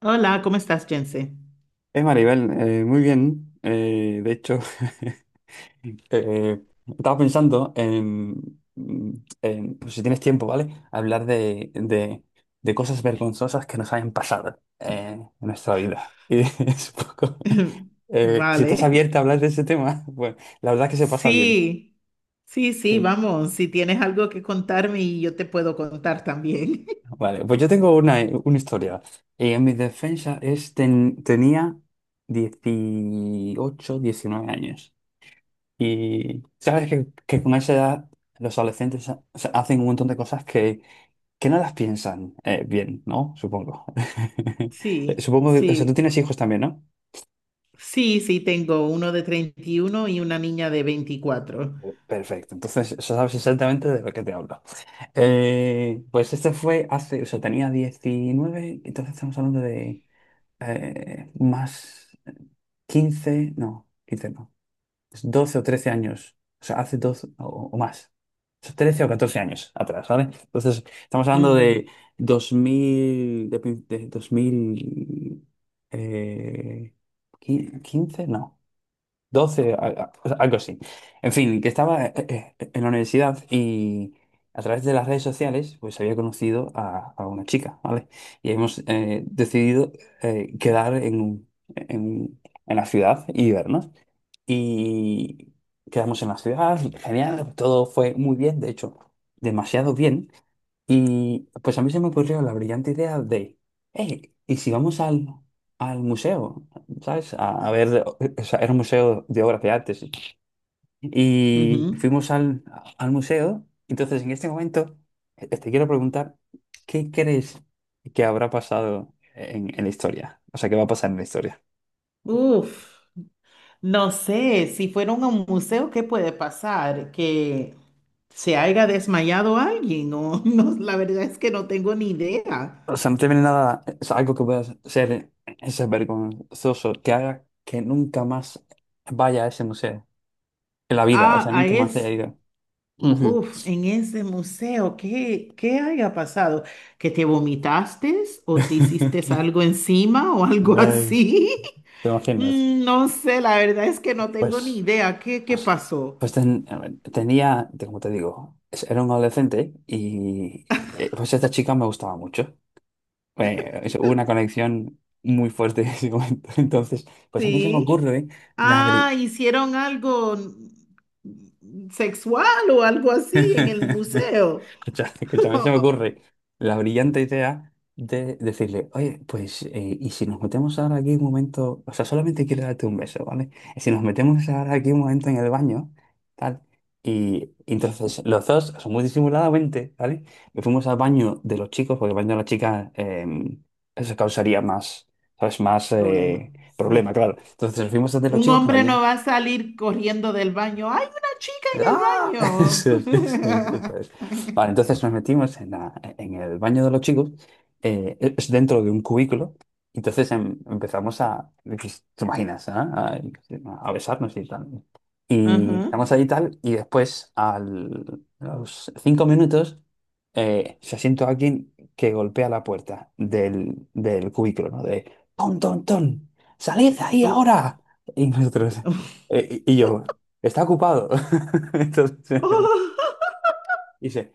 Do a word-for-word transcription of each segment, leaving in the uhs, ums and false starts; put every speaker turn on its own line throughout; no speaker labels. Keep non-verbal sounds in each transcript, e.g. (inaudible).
Hola, ¿cómo estás, Jense?
Es Maribel, eh, muy bien. Eh, de hecho, (laughs) eh, estaba pensando en, en, pues, si tienes tiempo, ¿vale? Hablar de, de- de cosas vergonzosas que nos hayan pasado eh, en nuestra vida. (laughs) Y es un poco,
(laughs)
eh, si estás
Vale.
abierta a hablar de ese tema, (laughs) pues la verdad es que se pasa bien.
Sí, sí, sí,
Sí.
vamos. Si tienes algo que contarme y yo te puedo contar también. (laughs)
Vale, pues yo tengo una, una historia. Y en mi defensa es ten- tenía dieciocho diecinueve años. Y sabes que, que con esa edad los adolescentes ha- o sea, hacen un montón de cosas que, que no las piensan eh, bien, ¿no? Supongo. (laughs) Eh,
Sí,
Supongo que, o sea, tú
sí,
tienes hijos también, ¿no?
sí, sí, tengo uno de treinta y uno y una niña de veinticuatro.
Perfecto, entonces, o sea, sabes exactamente de lo que te hablo. Eh, pues este fue hace, o sea, tenía diecinueve, entonces estamos hablando de eh, más, quince no, quince no. Es doce o trece años, o sea, hace doce o, o más, o sea, trece o catorce años atrás, ¿vale? Entonces, estamos hablando
Ujú,
de dos mil, de, prin- de dos mil, eh, qui- quince, no, doce, a- a- o sea, algo así. En fin, que estaba eh, eh, eh, en la universidad y a través de las redes sociales, pues había conocido a, a una chica, ¿vale? Y hemos eh, decidido eh, quedar en, en, en la ciudad y vernos, y quedamos en la ciudad. Genial, todo fue muy bien, de hecho, demasiado bien. Y pues a mí se me ocurrió la brillante idea de, hey, ¿y si vamos al, al museo? ¿Sabes? A, a ver, o sea, era un museo de obras de artes. Y
ujú.
fuimos al, al museo. Entonces, en este momento eh, te quiero preguntar, ¿qué crees que habrá pasado en, en la historia? O sea, ¿qué va a pasar en la historia?
Uf, no sé, si fueron a un museo, ¿qué puede pasar? ¿Que se haya desmayado alguien? O (laughs) no, la verdad es que no tengo ni idea.
O sea, no te viene nada, o sea, algo que puedas hacer es vergonzoso, que haga que nunca más vaya a ese museo en la vida, o
Ah,
sea,
ah,
nunca más haya
es
ido. Ujú.
Uf, en ese museo, ¿qué, qué haya pasado? ¿Que te vomitaste o te hiciste
(laughs)
algo encima o algo
Ay,
así? (laughs)
¿te imaginas?
Mm, no sé, la verdad es que no tengo ni
Pues,
idea. ¿Qué, qué
pues,
pasó?
pues ten- a ver, tenía, te- como te digo, es- era un adolescente, y eh, pues esta chica me gustaba mucho. Eh, es- hubo una conexión muy fuerte en ese momento. (laughs) Entonces, pues a mí se me
Sí.
ocurre.
Ah, hicieron algo mm, sexual o algo así en el
(laughs)
museo.
Escucha, escúchame, se me ocurre
(laughs)
la brillante idea de decirle, oye, pues, eh, y si nos metemos ahora aquí un momento, o sea, solamente quiero darte un beso, ¿vale? Y si nos metemos ahora aquí un momento en el baño, tal, y, y entonces los dos, son muy disimuladamente, ¿vale? Nos fuimos al baño de los chicos, porque el baño de las chicas, eh, eso causaría más, ¿sabes? Más
Problema,
eh, problema,
sí.
claro. Entonces, nos fuimos al de los
Un
chicos, que no
hombre no
había.
va a salir corriendo del baño. ¡Hay una chica en
¡Ah! (laughs) Eso es,
el
eso es, eso
baño!
es. Vale, entonces nos metimos en, la- en el baño de los
(laughs)
chicos, eh, es dentro de un cubículo. Entonces em- empezamos a, pues, ¿te imaginas? ah? A, a besarnos y tal. Y
Ajá.
estamos ahí y tal, y después, al, a los cinco minutos, eh, se siente alguien que golpea la puerta del, del cubículo, ¿no? De, ¡Ton, ton, ton! ¡Salid de ahí
Uh,
ahora! Y nosotros...
uf,
Eh, Y, y yo, está ocupado. (laughs) Entonces,
(laughs)
dice,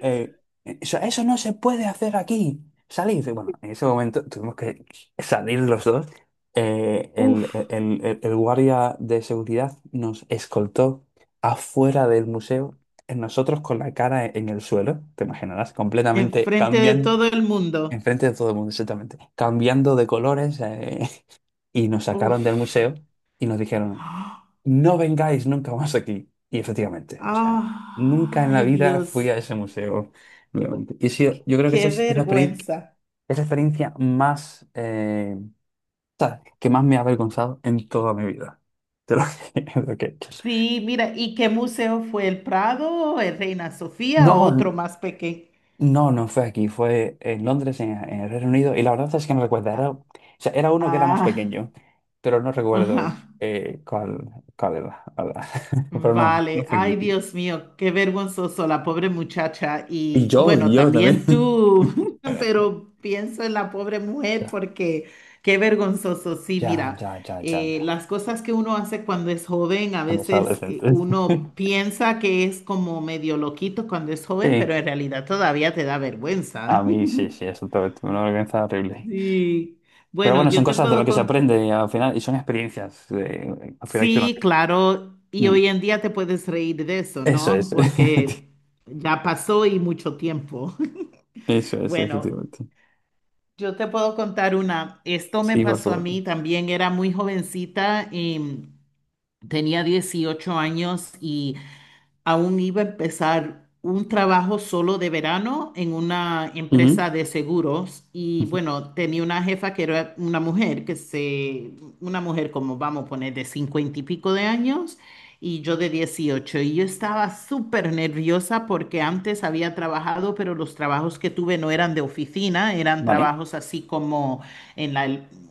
eh, eso, eso no se puede hacer aquí, salid. Y bueno, en ese momento tuvimos que salir los dos. Eh, el,
uf,
el- el- el guardia de seguridad nos escoltó afuera del museo, eh, nosotros con la cara en el suelo, te imaginarás, completamente
enfrente de
cambian.
todo el mundo.
Enfrente de todo el mundo, exactamente. Cambiando de colores, eh, (laughs) y nos sacaron del
Uf.
museo y nos dijeron, no vengáis nunca más aquí. Y efectivamente, o sea, nunca en la
Ay,
vida fui
Dios,
a ese museo nuevamente. Y sí, yo creo que esa
qué
es, es la experiencia,
vergüenza.
es la experiencia más, eh, o sea, que más me ha avergonzado en toda mi vida. (laughs) De lo que, (laughs) de lo que he hecho.
Sí, mira, ¿y qué museo fue? ¿El Prado, el Reina Sofía o
No,
otro más pequeño?
no, no fue aquí, fue en Londres, en, en el Reino Unido, y la verdad es que no recuerdo, era,
Ah,
o sea, era uno que era más
ah,
pequeño, pero no recuerdo
ajá.
eh, cuál, cuál era, la verdad. (laughs) Pero no, no
Vale,
fue
ay
aquí.
Dios mío, qué vergonzoso la pobre muchacha
Y
y
yo, y
bueno,
yo también.
también tú, (laughs)
(laughs)
pero pienso en la pobre
Ya,
mujer porque qué vergonzoso, sí,
ya,
mira,
ya, ya, ya,
eh,
ya.
las cosas que uno hace cuando es joven, a
Cuando es
veces eh,
adolescente.
uno
(laughs)
piensa que es como medio loquito cuando es joven,
Sí,
pero en realidad todavía te da
a
vergüenza. (laughs)
mí sí, sí, eso todo, una vergüenza horrible.
Sí,
Pero
bueno,
bueno, son
yo te
cosas de lo
puedo
que se
contar.
aprende y, al final, y son experiencias eh, al final que uno
Sí,
tiene.
claro, y
Mm,
hoy en día te puedes reír de eso,
eso
¿no?
es,
Porque ya pasó y mucho tiempo. (laughs)
(laughs) eso es,
Bueno,
efectivamente.
yo te puedo contar una. Esto me
Sí, por
pasó a
supuesto.
mí, también era muy jovencita, y tenía dieciocho años y aún iba a empezar un trabajo solo de verano en una
Ujú,
empresa de seguros y
ujú.
bueno, tenía una jefa que era una mujer, que se, una mujer como vamos a poner de cincuenta y pico de años y yo de dieciocho y yo estaba súper nerviosa porque antes había trabajado, pero los trabajos que tuve no eran de oficina, eran
Vale,
trabajos así como en la-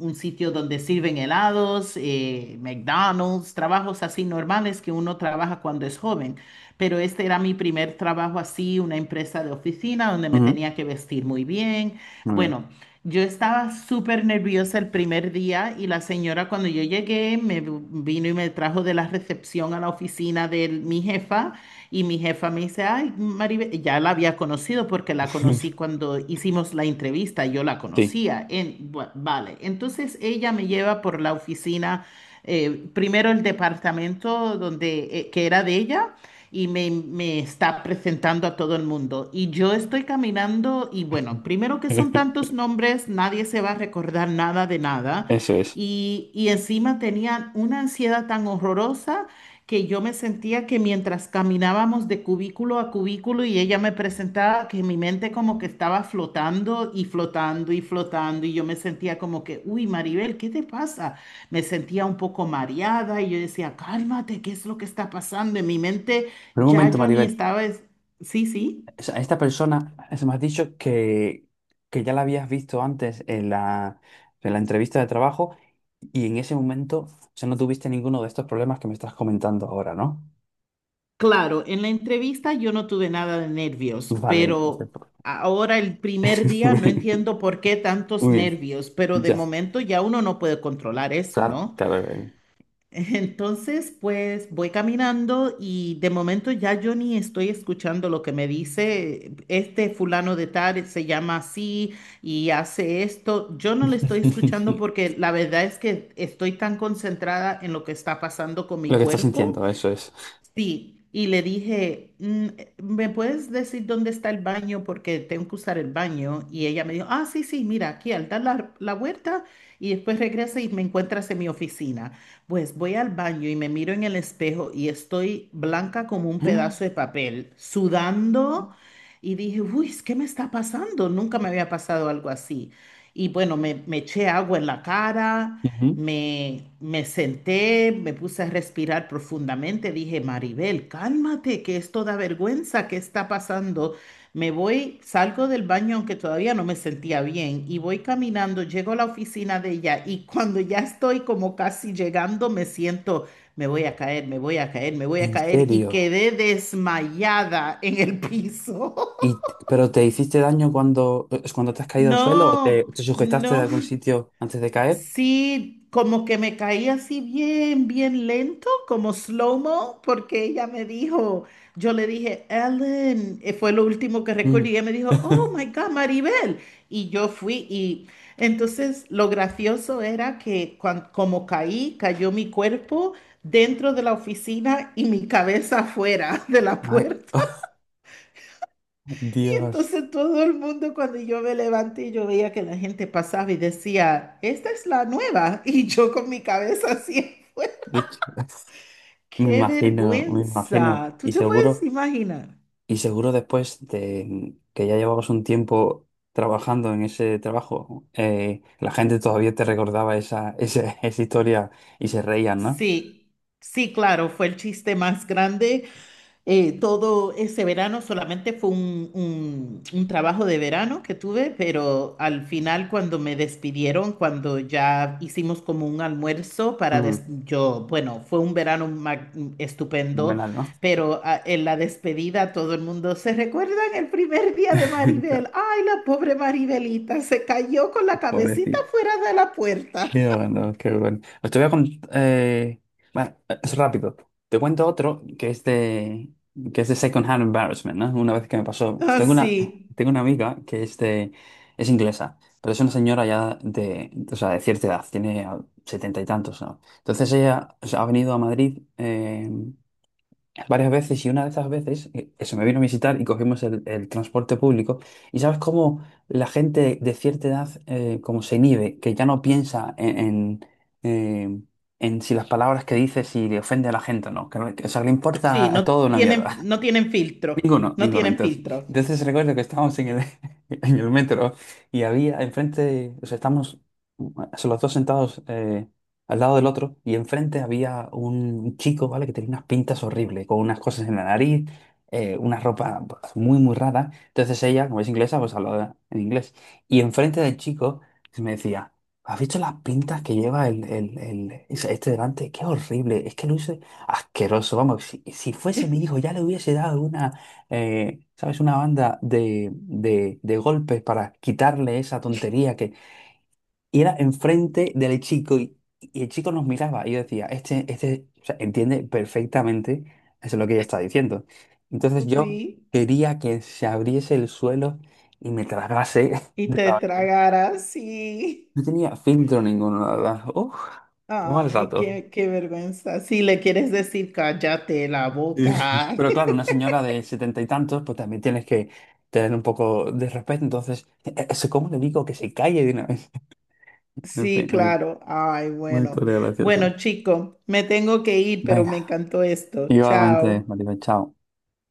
un sitio donde sirven helados, eh, McDonald's, trabajos así normales que uno trabaja cuando es joven. Pero este era mi primer trabajo así, una empresa de oficina donde me
ujú,
tenía que vestir muy bien.
muy bien.
Bueno, yo estaba súper nerviosa el primer día y la señora cuando yo llegué me v- vino y me trajo de la recepción a la oficina de mi jefa y mi jefa me dice, ay, Maribel, ya la había conocido porque la conocí
(laughs)
cuando hicimos la entrevista, yo la
Sí,
conocía. En, bu- vale, entonces ella me lleva por la oficina eh, primero el departamento donde, eh, que era de ella y me, me está presentando a todo el mundo. Y yo estoy caminando y bueno, primero que son tantos
(laughs)
nombres, nadie se va a recordar nada de nada.
eso es.
Y, y encima tenían una ansiedad tan horrorosa que yo me sentía que mientras caminábamos de cubículo a cubículo y ella me presentaba, que mi mente como que estaba flotando y flotando y flotando y yo me sentía como que, uy, Maribel, ¿qué te pasa? Me sentía un poco mareada y yo decía, cálmate, ¿qué es lo que está pasando? En mi mente
Pero un
ya
momento,
yo ni
Maribel.
estaba, es- sí, sí.
O sea, esta persona, se me has dicho que, que ya la habías visto antes en la, en la entrevista de trabajo. Y en ese momento, o sea, no tuviste ninguno de estos problemas que me estás comentando ahora, ¿no?
Claro, en la entrevista yo no tuve nada de nervios,
Vale,
pero
perfecto.
ahora el primer
(laughs)
día
Muy
no
bien,
entiendo por qué tantos
muy bien.
nervios, pero de
Ya,
momento ya uno no puede controlar eso,
claro,
¿no?
claro. eh.
Entonces, pues voy caminando y de momento ya yo ni estoy escuchando lo que me dice este fulano de tal, se llama así y hace esto. Yo no le estoy
(laughs)
escuchando porque la verdad es que estoy tan concentrada en lo que está pasando con mi
Lo que estás
cuerpo.
sintiendo, eso es.
Sí, y le dije, "Mm, eh, ¿me puedes decir dónde está el baño? Porque tengo que usar el baño." Y ella me dijo, ah, sí, sí, mira, aquí al dar la, la vuelta y después regresa y me encuentras en mi oficina. Pues voy al baño y me miro en el espejo y estoy blanca como un pedazo
(gasps)
de papel, sudando. Y dije, uy, ¿qué me está pasando? Nunca me había pasado algo así. Y bueno, me, me eché agua en la cara.
Ujú.
Me, me senté, me puse a respirar profundamente, dije, Maribel, cálmate, que esto da vergüenza, ¿qué está pasando? Me voy, salgo del baño, aunque todavía no me sentía bien, y voy caminando, llego a la oficina de ella, y cuando ya estoy como casi llegando, me siento, me voy a caer, me voy a caer, me voy a
¿En
caer, y
serio?
quedé desmayada en el piso.
¿Y,
(laughs)
t- pero te hiciste daño cuando, es cuando te has caído al suelo, o te,
No,
te sujetaste de algún
no.
sitio antes de caer?
Sí, como que me caí así bien, bien lento, como slow-mo, porque ella me dijo, yo le dije, Ellen, eh, fue lo último que recordé,
Mm.
y ella me dijo, oh
(laughs)
my God, Maribel. Y yo fui, y entonces lo gracioso era que cuan- como caí, cayó mi cuerpo dentro de la oficina y mi cabeza afuera (laughs) de la
Ay,
puerta.
(laughs)
Y
Dios,
entonces todo el mundo cuando yo me levanté, yo veía que la gente pasaba y decía, esta es la nueva. (laughs) Y yo con mi cabeza así,
de hecho, (laughs) me
qué
imagino, me imagino.
vergüenza. ¿Tú
Y
te puedes
seguro.
imaginar?
Y seguro, después de que ya llevabas un tiempo trabajando en ese trabajo, eh, la gente todavía te recordaba esa, esa, (laughs) esa historia y se reían, ¿no?
Sí, sí, claro, fue el chiste más grande. Eh, todo ese verano solamente fue un, un- un trabajo de verano que tuve, pero al final cuando me despidieron, cuando ya hicimos como un almuerzo para des-
Ujú.
yo, bueno, fue un verano mag- estupendo,
Fenomenal, ¿no?
pero ah, en la despedida todo el mundo se recuerdan el primer día de
(laughs)
Maribel.
Claro,
Ay, la pobre Maribelita se cayó con la cabecita
pobrecillo.
fuera de la puerta.
Qué bueno, qué bueno. Os te voy a contar. bueno, es rápido. Te cuento otro que es de, que es de second hand embarrassment, ¿no? Una vez que me pasó. Tengo una,
Así,
tengo una amiga que es de, es inglesa, pero es una señora ya de, o sea, de cierta edad, tiene setenta y tantos, ¿no? Entonces ella, o sea, ha venido a Madrid, eh, varias veces, y una de esas veces eh, se me vino a visitar y cogimos el, el transporte público. ¿Y sabes cómo la gente de cierta edad eh, como se inhibe, que ya no piensa en, en, eh, en si las palabras que dice, si le ofende a la gente o no? Que, no- que, o sea, le
sí, sí,
importa a
no
todo una
tienen,
mierda.
no tienen filtro,
Ninguno,
no
ninguno.
tienen
Entonces,
filtro.
entonces recuerdo que estábamos en el, (laughs) en el metro, y había enfrente, o sea, estábamos, so, los dos sentados eh, al lado del otro, y enfrente había un chico, ¿vale? Que tenía unas pintas horribles, con unas cosas en la nariz, eh, una ropa pues, muy, muy rara. Entonces ella, como es inglesa, pues hablaba en inglés. Y enfrente del chico me decía, ¿has visto las pintas que lleva el, el, el- ese- este delante? Qué horrible, es que luce asqueroso. Vamos, si, si fuese mi hijo ya le hubiese dado una eh, ¿sabes? Una banda de, de, de golpes para quitarle esa tontería que... Y era enfrente del chico y, y el chico nos miraba, y yo decía, este, este, o sea, entiende perfectamente eso es lo que ella está diciendo. Entonces yo
Uy.
quería que se abriese el suelo y me tragase. (laughs)
Y
De
te
la-.
tragara, sí.
No tenía filtro ninguno, la verdad. Uf, qué mal
Ay,
rato.
qué, qué vergüenza. Si le quieres decir, cállate la
Y- (laughs)
boca.
Pero claro,
(laughs)
una señora de setenta y tantos, pues también tienes que tener un poco de respeto. Entonces, ¿e- ¿eso cómo le digo que se calle de una vez? (laughs) En
Sí,
fin,
claro. Ay,
una
bueno.
historia graciosa.
Bueno, chico, me tengo que ir, pero me
Venga,
encantó esto.
igualmente,
Chao.
Maribel, chao.